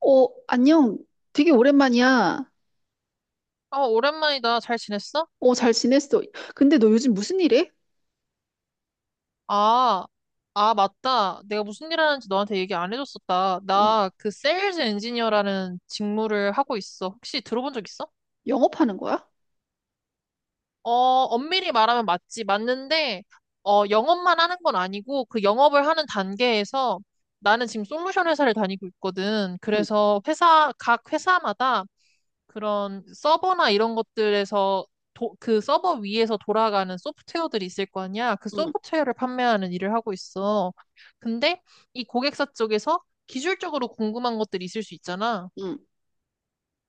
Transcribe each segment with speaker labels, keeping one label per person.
Speaker 1: 안녕. 되게 오랜만이야.
Speaker 2: 아, 오랜만이다. 잘 지냈어?
Speaker 1: 잘 지냈어. 근데 너 요즘 무슨 일 해?
Speaker 2: 아, 맞다. 내가 무슨 일 하는지 너한테 얘기 안 해줬었다.
Speaker 1: 응,
Speaker 2: 나 그 세일즈 엔지니어라는 직무를 하고 있어. 혹시 들어본 적 있어?
Speaker 1: 영업하는 거야?
Speaker 2: 어, 엄밀히 말하면 맞지. 맞는데, 영업만 하는 건 아니고, 그 영업을 하는 단계에서 나는 지금 솔루션 회사를 다니고 있거든.
Speaker 1: 응,
Speaker 2: 그래서 각 회사마다 그런 서버나 이런 것들에서 그 서버 위에서 돌아가는 소프트웨어들이 있을 거 아니야. 그
Speaker 1: 응,
Speaker 2: 소프트웨어를 판매하는 일을 하고 있어. 근데 이 고객사 쪽에서 기술적으로 궁금한 것들이 있을 수 있잖아.
Speaker 1: 응.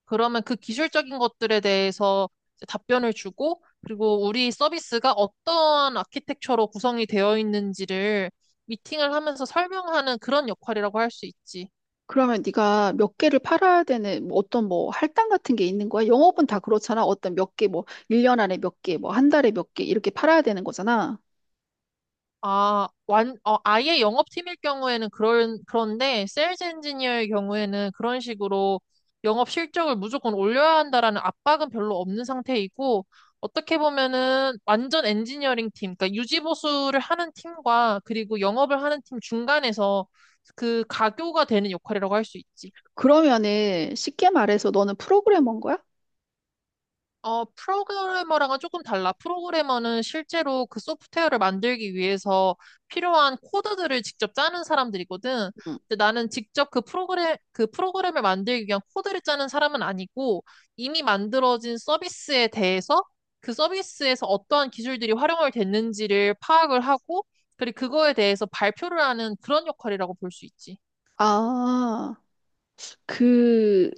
Speaker 2: 그러면 그 기술적인 것들에 대해서 이제 답변을 주고, 그리고 우리 서비스가 어떤 아키텍처로 구성이 되어 있는지를 미팅을 하면서 설명하는 그런 역할이라고 할 수 있지.
Speaker 1: 그러면 네가 몇 개를 팔아야 되는 뭐 어떤 뭐 할당 같은 게 있는 거야? 영업은 다 그렇잖아. 어떤 몇 개, 뭐 1년 안에 몇 개, 뭐 한 달에 몇 개 이렇게 팔아야 되는 거잖아.
Speaker 2: 아예 영업팀일 경우에는 그런데, 세일즈 엔지니어의 경우에는 그런 식으로 영업 실적을 무조건 올려야 한다라는 압박은 별로 없는 상태이고, 어떻게 보면은 완전 엔지니어링 팀, 그러니까 유지보수를 하는 팀과 그리고 영업을 하는 팀 중간에서 그 가교가 되는 역할이라고 할 수 있지.
Speaker 1: 그러면은 쉽게 말해서 너는 프로그래머인 거야?
Speaker 2: 어, 프로그래머랑은 조금 달라. 프로그래머는 실제로 그 소프트웨어를 만들기 위해서 필요한 코드들을 직접 짜는 사람들이거든.
Speaker 1: 응.
Speaker 2: 근데 나는 직접 그 프로그램을 만들기 위한 코드를 짜는 사람은 아니고 이미 만들어진 서비스에 대해서 그 서비스에서 어떠한 기술들이 활용을 됐는지를 파악을 하고 그리고 그거에 대해서 발표를 하는 그런 역할이라고 볼 수 있지.
Speaker 1: 아, 그,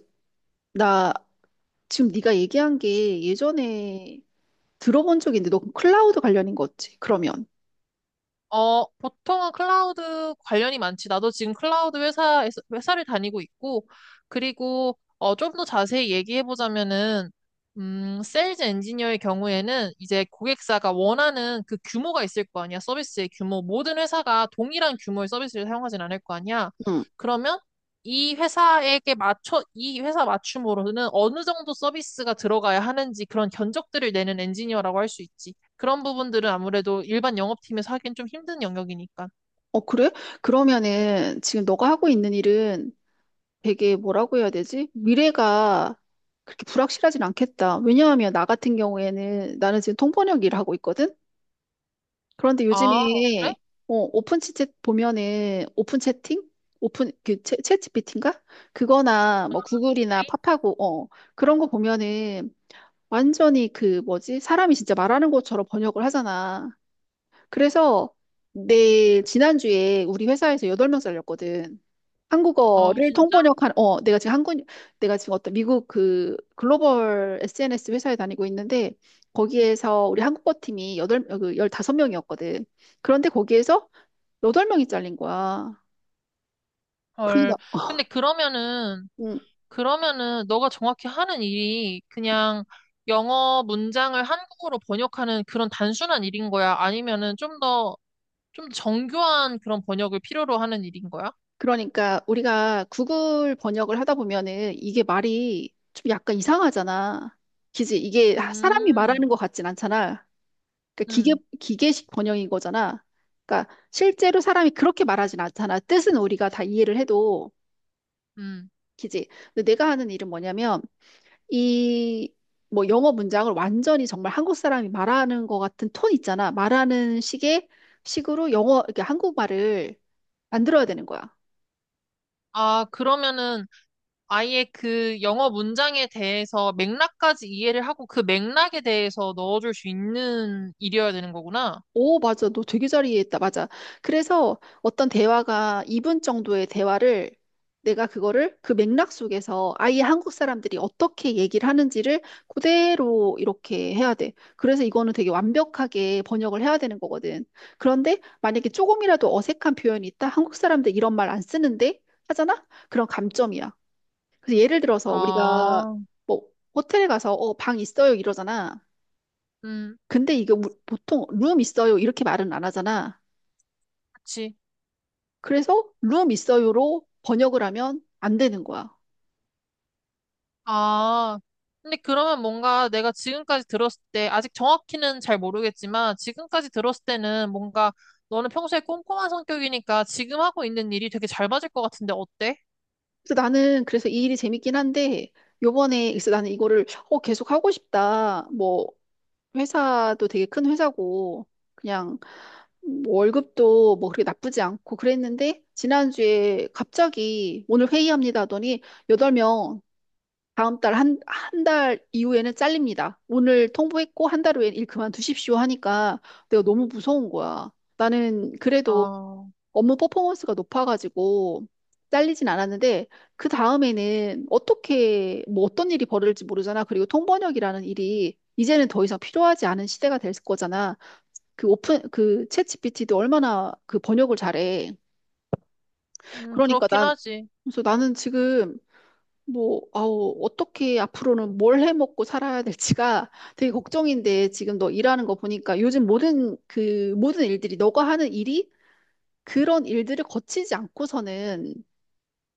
Speaker 1: 나 지금 네가 얘기한 게 예전에 들어본 적이 있는데 너 클라우드 관련인 거지? 그러면.
Speaker 2: 어, 보통은 클라우드 관련이 많지. 나도 지금 회사를 다니고 있고, 그리고, 어, 좀 더 자세히 얘기해보자면은, 세일즈 엔지니어의 경우에는 이제 고객사가 원하는 그 규모가 있을 거 아니야. 서비스의 규모. 모든 회사가 동일한 규모의 서비스를 사용하진 않을 거 아니야. 그러면 이 회사 맞춤으로는 어느 정도 서비스가 들어가야 하는지 그런 견적들을 내는 엔지니어라고 할 수 있지. 그런 부분들은 아무래도 일반 영업팀에서 하긴 좀 힘든 영역이니까.
Speaker 1: 어, 그래? 그러면은 지금 너가 하고 있는 일은 되게 뭐라고 해야 되지? 미래가 그렇게 불확실하진 않겠다. 왜냐하면 나 같은 경우에는 나는 지금 통번역 일을 하고 있거든? 그런데
Speaker 2: 아, 그래?
Speaker 1: 요즘에 오픈 채팅 보면은 오픈 채팅? 오픈 그 챗 g p 인가 그거나 뭐 구글이나
Speaker 2: 에이.
Speaker 1: 팝하고 그런 거 보면은 완전히 그 뭐지? 사람이 진짜 말하는 것처럼 번역을 하잖아. 그래서 내 지난주에 우리 회사에서 8명 잘렸거든.
Speaker 2: 아,
Speaker 1: 한국어를
Speaker 2: 진짜?
Speaker 1: 통번역한 어 내가 지금 한국 내가 지금 어떤 미국 그 글로벌 SNS 회사에 다니고 있는데 거기에서 우리 한국어 팀이 여덟 어, 그 15명이었거든. 그런데 거기에서 여덟 명이 잘린 거야.
Speaker 2: 헐.
Speaker 1: 그러니까
Speaker 2: 근데 그러면은,
Speaker 1: 음,
Speaker 2: 그러면은 너가 정확히 하는 일이 그냥 영어 문장을 한국어로 번역하는 그런 단순한 일인 거야? 좀 정교한 그런 번역을 필요로 하는 일인 거야?
Speaker 1: 그러니까 우리가 구글 번역을 하다 보면은 이게 말이 좀 약간 이상하잖아. 그지? 이게 사람이
Speaker 2: 음,
Speaker 1: 말하는 것 같진 않잖아. 그러니까
Speaker 2: 음,
Speaker 1: 기계식 번역인 거잖아. 그러니까 실제로 사람이 그렇게 말하진 않잖아. 뜻은 우리가 다 이해를 해도,
Speaker 2: 음.
Speaker 1: 그지? 근데 내가 하는 일은 뭐냐면, 이, 뭐 영어 문장을 완전히 정말 한국 사람이 말하는 것 같은 톤 있잖아. 말하는 식으로 영어, 이렇게 한국말을 만들어야 되는 거야.
Speaker 2: 아, 그러면은 아예 그 영어 문장에 대해서 맥락까지 이해를 하고 그 맥락에 대해서 넣어줄 수 있는 일이어야 되는 거구나.
Speaker 1: 오, 맞아. 너 되게 잘 이해했다. 맞아. 그래서 어떤 대화가 2분 정도의 대화를 내가 그거를 그 맥락 속에서 아예 한국 사람들이 어떻게 얘기를 하는지를 그대로 이렇게 해야 돼. 그래서 이거는 되게 완벽하게 번역을 해야 되는 거거든. 그런데 만약에 조금이라도 어색한 표현이 있다? 한국 사람들 이런 말 안 쓰는데? 하잖아? 그런 감점이야. 그래서 예를 들어서 우리가
Speaker 2: 아,
Speaker 1: 뭐 호텔에 가서 어, 방 있어요 이러잖아.
Speaker 2: 음,
Speaker 1: 근데 이게 보통 룸 있어요 이렇게 말은 안 하잖아.
Speaker 2: 그치.
Speaker 1: 그래서 룸 있어요로 번역을 하면 안 되는 거야.
Speaker 2: 아, 근데 그러면 뭔가 내가 지금까지 들었을 때, 아직 정확히는 잘 모르겠지만, 지금까지 들었을 때는 뭔가 너는 평소에 꼼꼼한 성격이니까 지금 하고 있는 일이 되게 잘 맞을 것 같은데 어때?
Speaker 1: 그래서 이 일이 재밌긴 한데 요번에 그래서 나는 이거를 계속 하고 싶다. 뭐 회사도 되게 큰 회사고 그냥 뭐 월급도 뭐 그렇게 나쁘지 않고 그랬는데 지난주에 갑자기 오늘 회의합니다 하더니 여덟 명 다음 달 한, 한 달 이후에는 잘립니다. 오늘 통보했고 한 달 후엔 일 그만두십시오 하니까 내가 너무 무서운 거야. 나는 그래도
Speaker 2: 아,
Speaker 1: 업무 퍼포먼스가 높아가지고 잘리진 않았는데 그 다음에는 어떻게 뭐 어떤 일이 벌어질지 모르잖아. 그리고 통번역이라는 일이 이제는 더 이상 필요하지 않은 시대가 될 거잖아. 그 오픈 그 챗GPT도 얼마나 그 번역을 잘해. 그러니까
Speaker 2: 그렇긴
Speaker 1: 난
Speaker 2: 하지.
Speaker 1: 그래서 나는 지금 뭐 아우 어떻게 앞으로는 뭘 해먹고 살아야 될지가 되게 걱정인데 지금 너 일하는 거 보니까 요즘 모든 그 모든 일들이 너가 하는 일이 그런 일들을 거치지 않고서는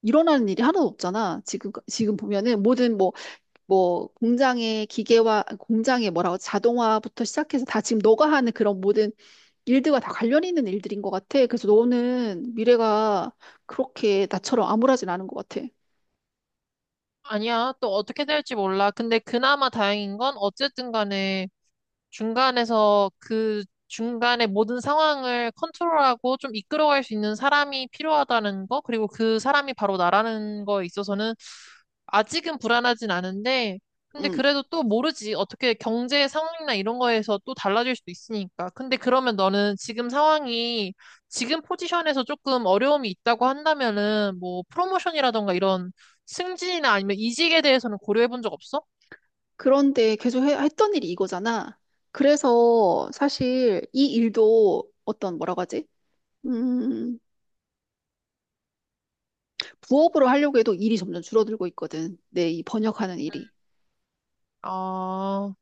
Speaker 1: 일어나는 일이 하나도 없잖아. 지금 보면은 모든 뭐 공장의 기계와 공장의 뭐라고 자동화부터 시작해서 다 지금 너가 하는 그런 모든 일들과 다 관련 있는 일들인 것 같아. 그래서 너는 미래가 그렇게 나처럼 암울하진 않은 것 같아.
Speaker 2: 아니야, 또 어떻게 될지 몰라. 근데 그나마 다행인 건 어쨌든 간에 중간에서 그 중간에 모든 상황을 컨트롤하고 좀 이끌어갈 수 있는 사람이 필요하다는 거, 그리고 그 사람이 바로 나라는 거에 있어서는 아직은 불안하진 않은데, 근데
Speaker 1: 음.
Speaker 2: 그래도 또 모르지. 어떻게 경제 상황이나 이런 거에서 또 달라질 수도 있으니까. 근데 그러면 너는 지금 상황이 지금 포지션에서 조금 어려움이 있다고 한다면은 뭐 프로모션이라던가 이런 승진이나 아니면 이직에 대해서는 고려해 본 적 없어?
Speaker 1: 그런데 계속 했던 일이 이거잖아. 그래서 사실 이 일도 어떤 뭐라고 하지? 음, 부업으로 하려고 해도 일이 점점 줄어들고 있거든. 내 이 번역하는
Speaker 2: 음.
Speaker 1: 일이.
Speaker 2: 아,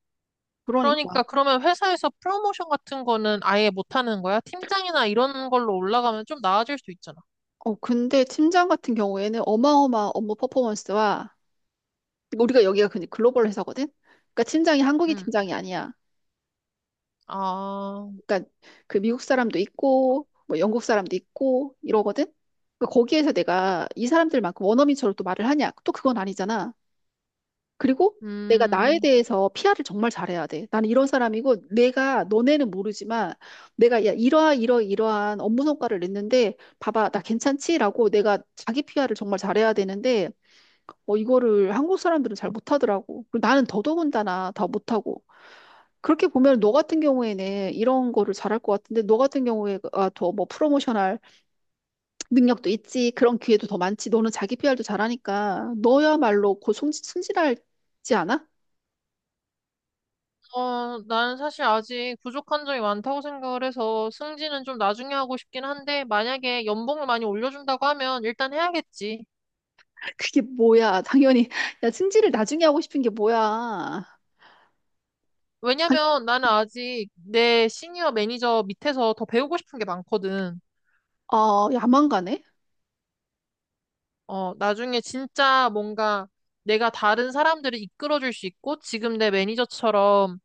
Speaker 1: 그러니까
Speaker 2: 그러니까 그러면 회사에서 프로모션 같은 거는 아예 못하는 거야? 팀장이나 이런 걸로 올라가면 좀 나아질 수 있잖아.
Speaker 1: 근데 팀장 같은 경우에는 어마어마한 업무 퍼포먼스와 우리가 여기가 그냥 글로벌 회사거든? 그러니까 팀장이 한국인
Speaker 2: 음.
Speaker 1: 팀장이 아니야.
Speaker 2: 아,
Speaker 1: 그러니까 그 미국 사람도 있고 뭐 영국 사람도 있고 이러거든? 그러니까 거기에서 내가 이 사람들만큼 원어민처럼 또 말을 하냐? 또 그건 아니잖아. 그리고 내가 나에
Speaker 2: 음,
Speaker 1: 대해서 PR을 정말 잘해야 돼. 나는 이런 사람이고 내가 너네는 모르지만 내가 야 이러하 이러 이러한 업무 성과를 냈는데 봐봐 나 괜찮지라고 내가 자기 PR을 정말 잘해야 되는데 이거를 한국 사람들은 잘 못하더라고. 그리고 나는 더더군다나 더 못하고. 그렇게 보면 너 같은 경우에는 이런 거를 잘할 것 같은데 너 같은 경우에 더뭐 프로모션할 능력도 있지 그런 기회도 더 많지 너는 자기 PR도 잘하니까 너야말로 곧 승진할지 않아?
Speaker 2: 어, 나는 사실 아직 부족한 점이 많다고 생각을 해서 승진은 좀 나중에 하고 싶긴 한데 만약에 연봉을 많이 올려준다고 하면 일단 해야겠지.
Speaker 1: 그게 뭐야 당연히 야 승진을 나중에 하고 싶은 게 뭐야 당-
Speaker 2: 왜냐면 나는 아직 내 시니어 매니저 밑에서 더 배우고 싶은 게 많거든.
Speaker 1: 야망가네?
Speaker 2: 어, 나중에 진짜 뭔가 내가 다른 사람들을 이끌어줄 수 있고 지금 내 매니저처럼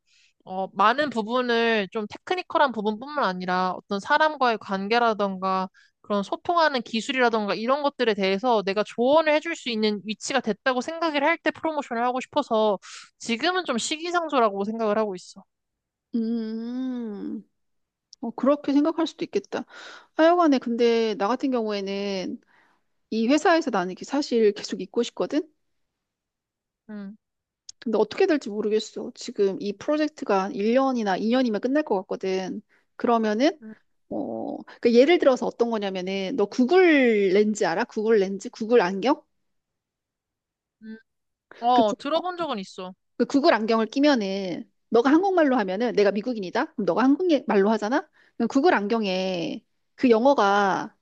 Speaker 2: 어, 많은 부분을 좀 테크니컬한 부분뿐만 아니라 어떤 사람과의 관계라던가 그런 소통하는 기술이라던가 이런 것들에 대해서 내가 조언을 해줄 수 있는 위치가 됐다고 생각을 할 때 프로모션을 하고 싶어서 지금은 좀 시기상조라고 생각을 하고 있어.
Speaker 1: 음, 그렇게 생각할 수도 있겠다. 하여간에 근데 나 같은 경우에는 이 회사에서 나는 이게 사실 계속 있고 싶거든?
Speaker 2: 음,
Speaker 1: 근데 어떻게 될지 모르겠어. 지금 이 프로젝트가 1년이나 2년이면 끝날 것 같거든. 그러면은,
Speaker 2: 음,
Speaker 1: 그 예를 들어서 어떤 거냐면은, 너 구글 렌즈 알아? 구글 렌즈? 구글 안경?
Speaker 2: 음.
Speaker 1: 그,
Speaker 2: 어,
Speaker 1: 구- 어,
Speaker 2: 들어본 적은 있어.
Speaker 1: 그 구글 안경을 끼면은, 너가 한국말로 하면은, 내가 미국인이다? 그럼 너가 한국말로 하잖아? 그럼 구글 안경에 그 영어가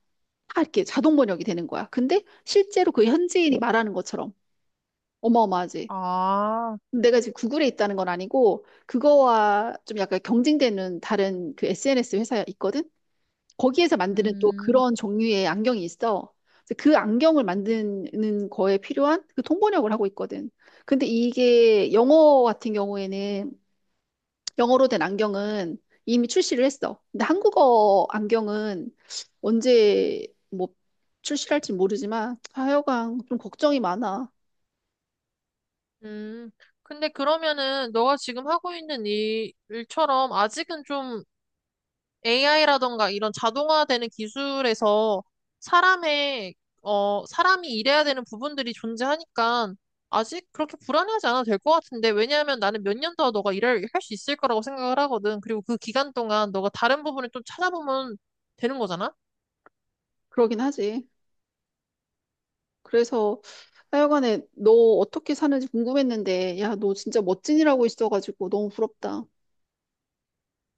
Speaker 1: 다 이렇게 자동 번역이 되는 거야. 근데 실제로 그 현지인이 말하는 것처럼 어마어마하지.
Speaker 2: 아,
Speaker 1: 내가 지금 구글에 있다는 건 아니고 그거와 좀 약간 경쟁되는 다른 그 SNS 회사가 있거든. 거기에서 만드는 또
Speaker 2: 음,
Speaker 1: 그런 종류의 안경이 있어. 그래서 그 안경을 만드는 거에 필요한 그 통번역을 하고 있거든. 근데 이게 영어 같은 경우에는 영어로 된 안경은 이미 출시를 했어. 근데 한국어 안경은 언제 뭐 출시할지 모르지만 하여간 좀 걱정이 많아.
Speaker 2: 음. 근데 그러면은 너가 지금 하고 있는 일처럼 아직은 좀 AI라던가 이런 자동화되는 기술에서 사람의, 사람이 일해야 되는 부분들이 존재하니까 아직 그렇게 불안해하지 않아도 될 것 같은데, 왜냐하면 나는 몇 년 더 너가 일을 할 수 있을 거라고 생각을 하거든. 그리고 그 기간 동안 너가 다른 부분을 좀 찾아보면 되는 거잖아?
Speaker 1: 그러긴 하지. 그래서 하여간에 너 어떻게 사는지 궁금했는데, 야, 너 진짜 멋진이라고 있어가지고 너무 부럽다.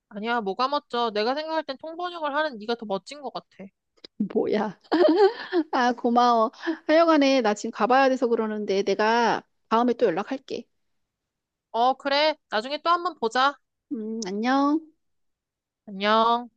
Speaker 2: 아니야, 뭐가 멋져. 내가 생각할 땐 통번역을 하는 네가 더 멋진 것 같아.
Speaker 1: 뭐야. 아, 고마워. 하여간에 나 지금 가봐야 돼서 그러는데 내가 다음에 또 연락할게.
Speaker 2: 어, 그래. 나중에 또 한번 보자.
Speaker 1: 안녕.
Speaker 2: 안녕.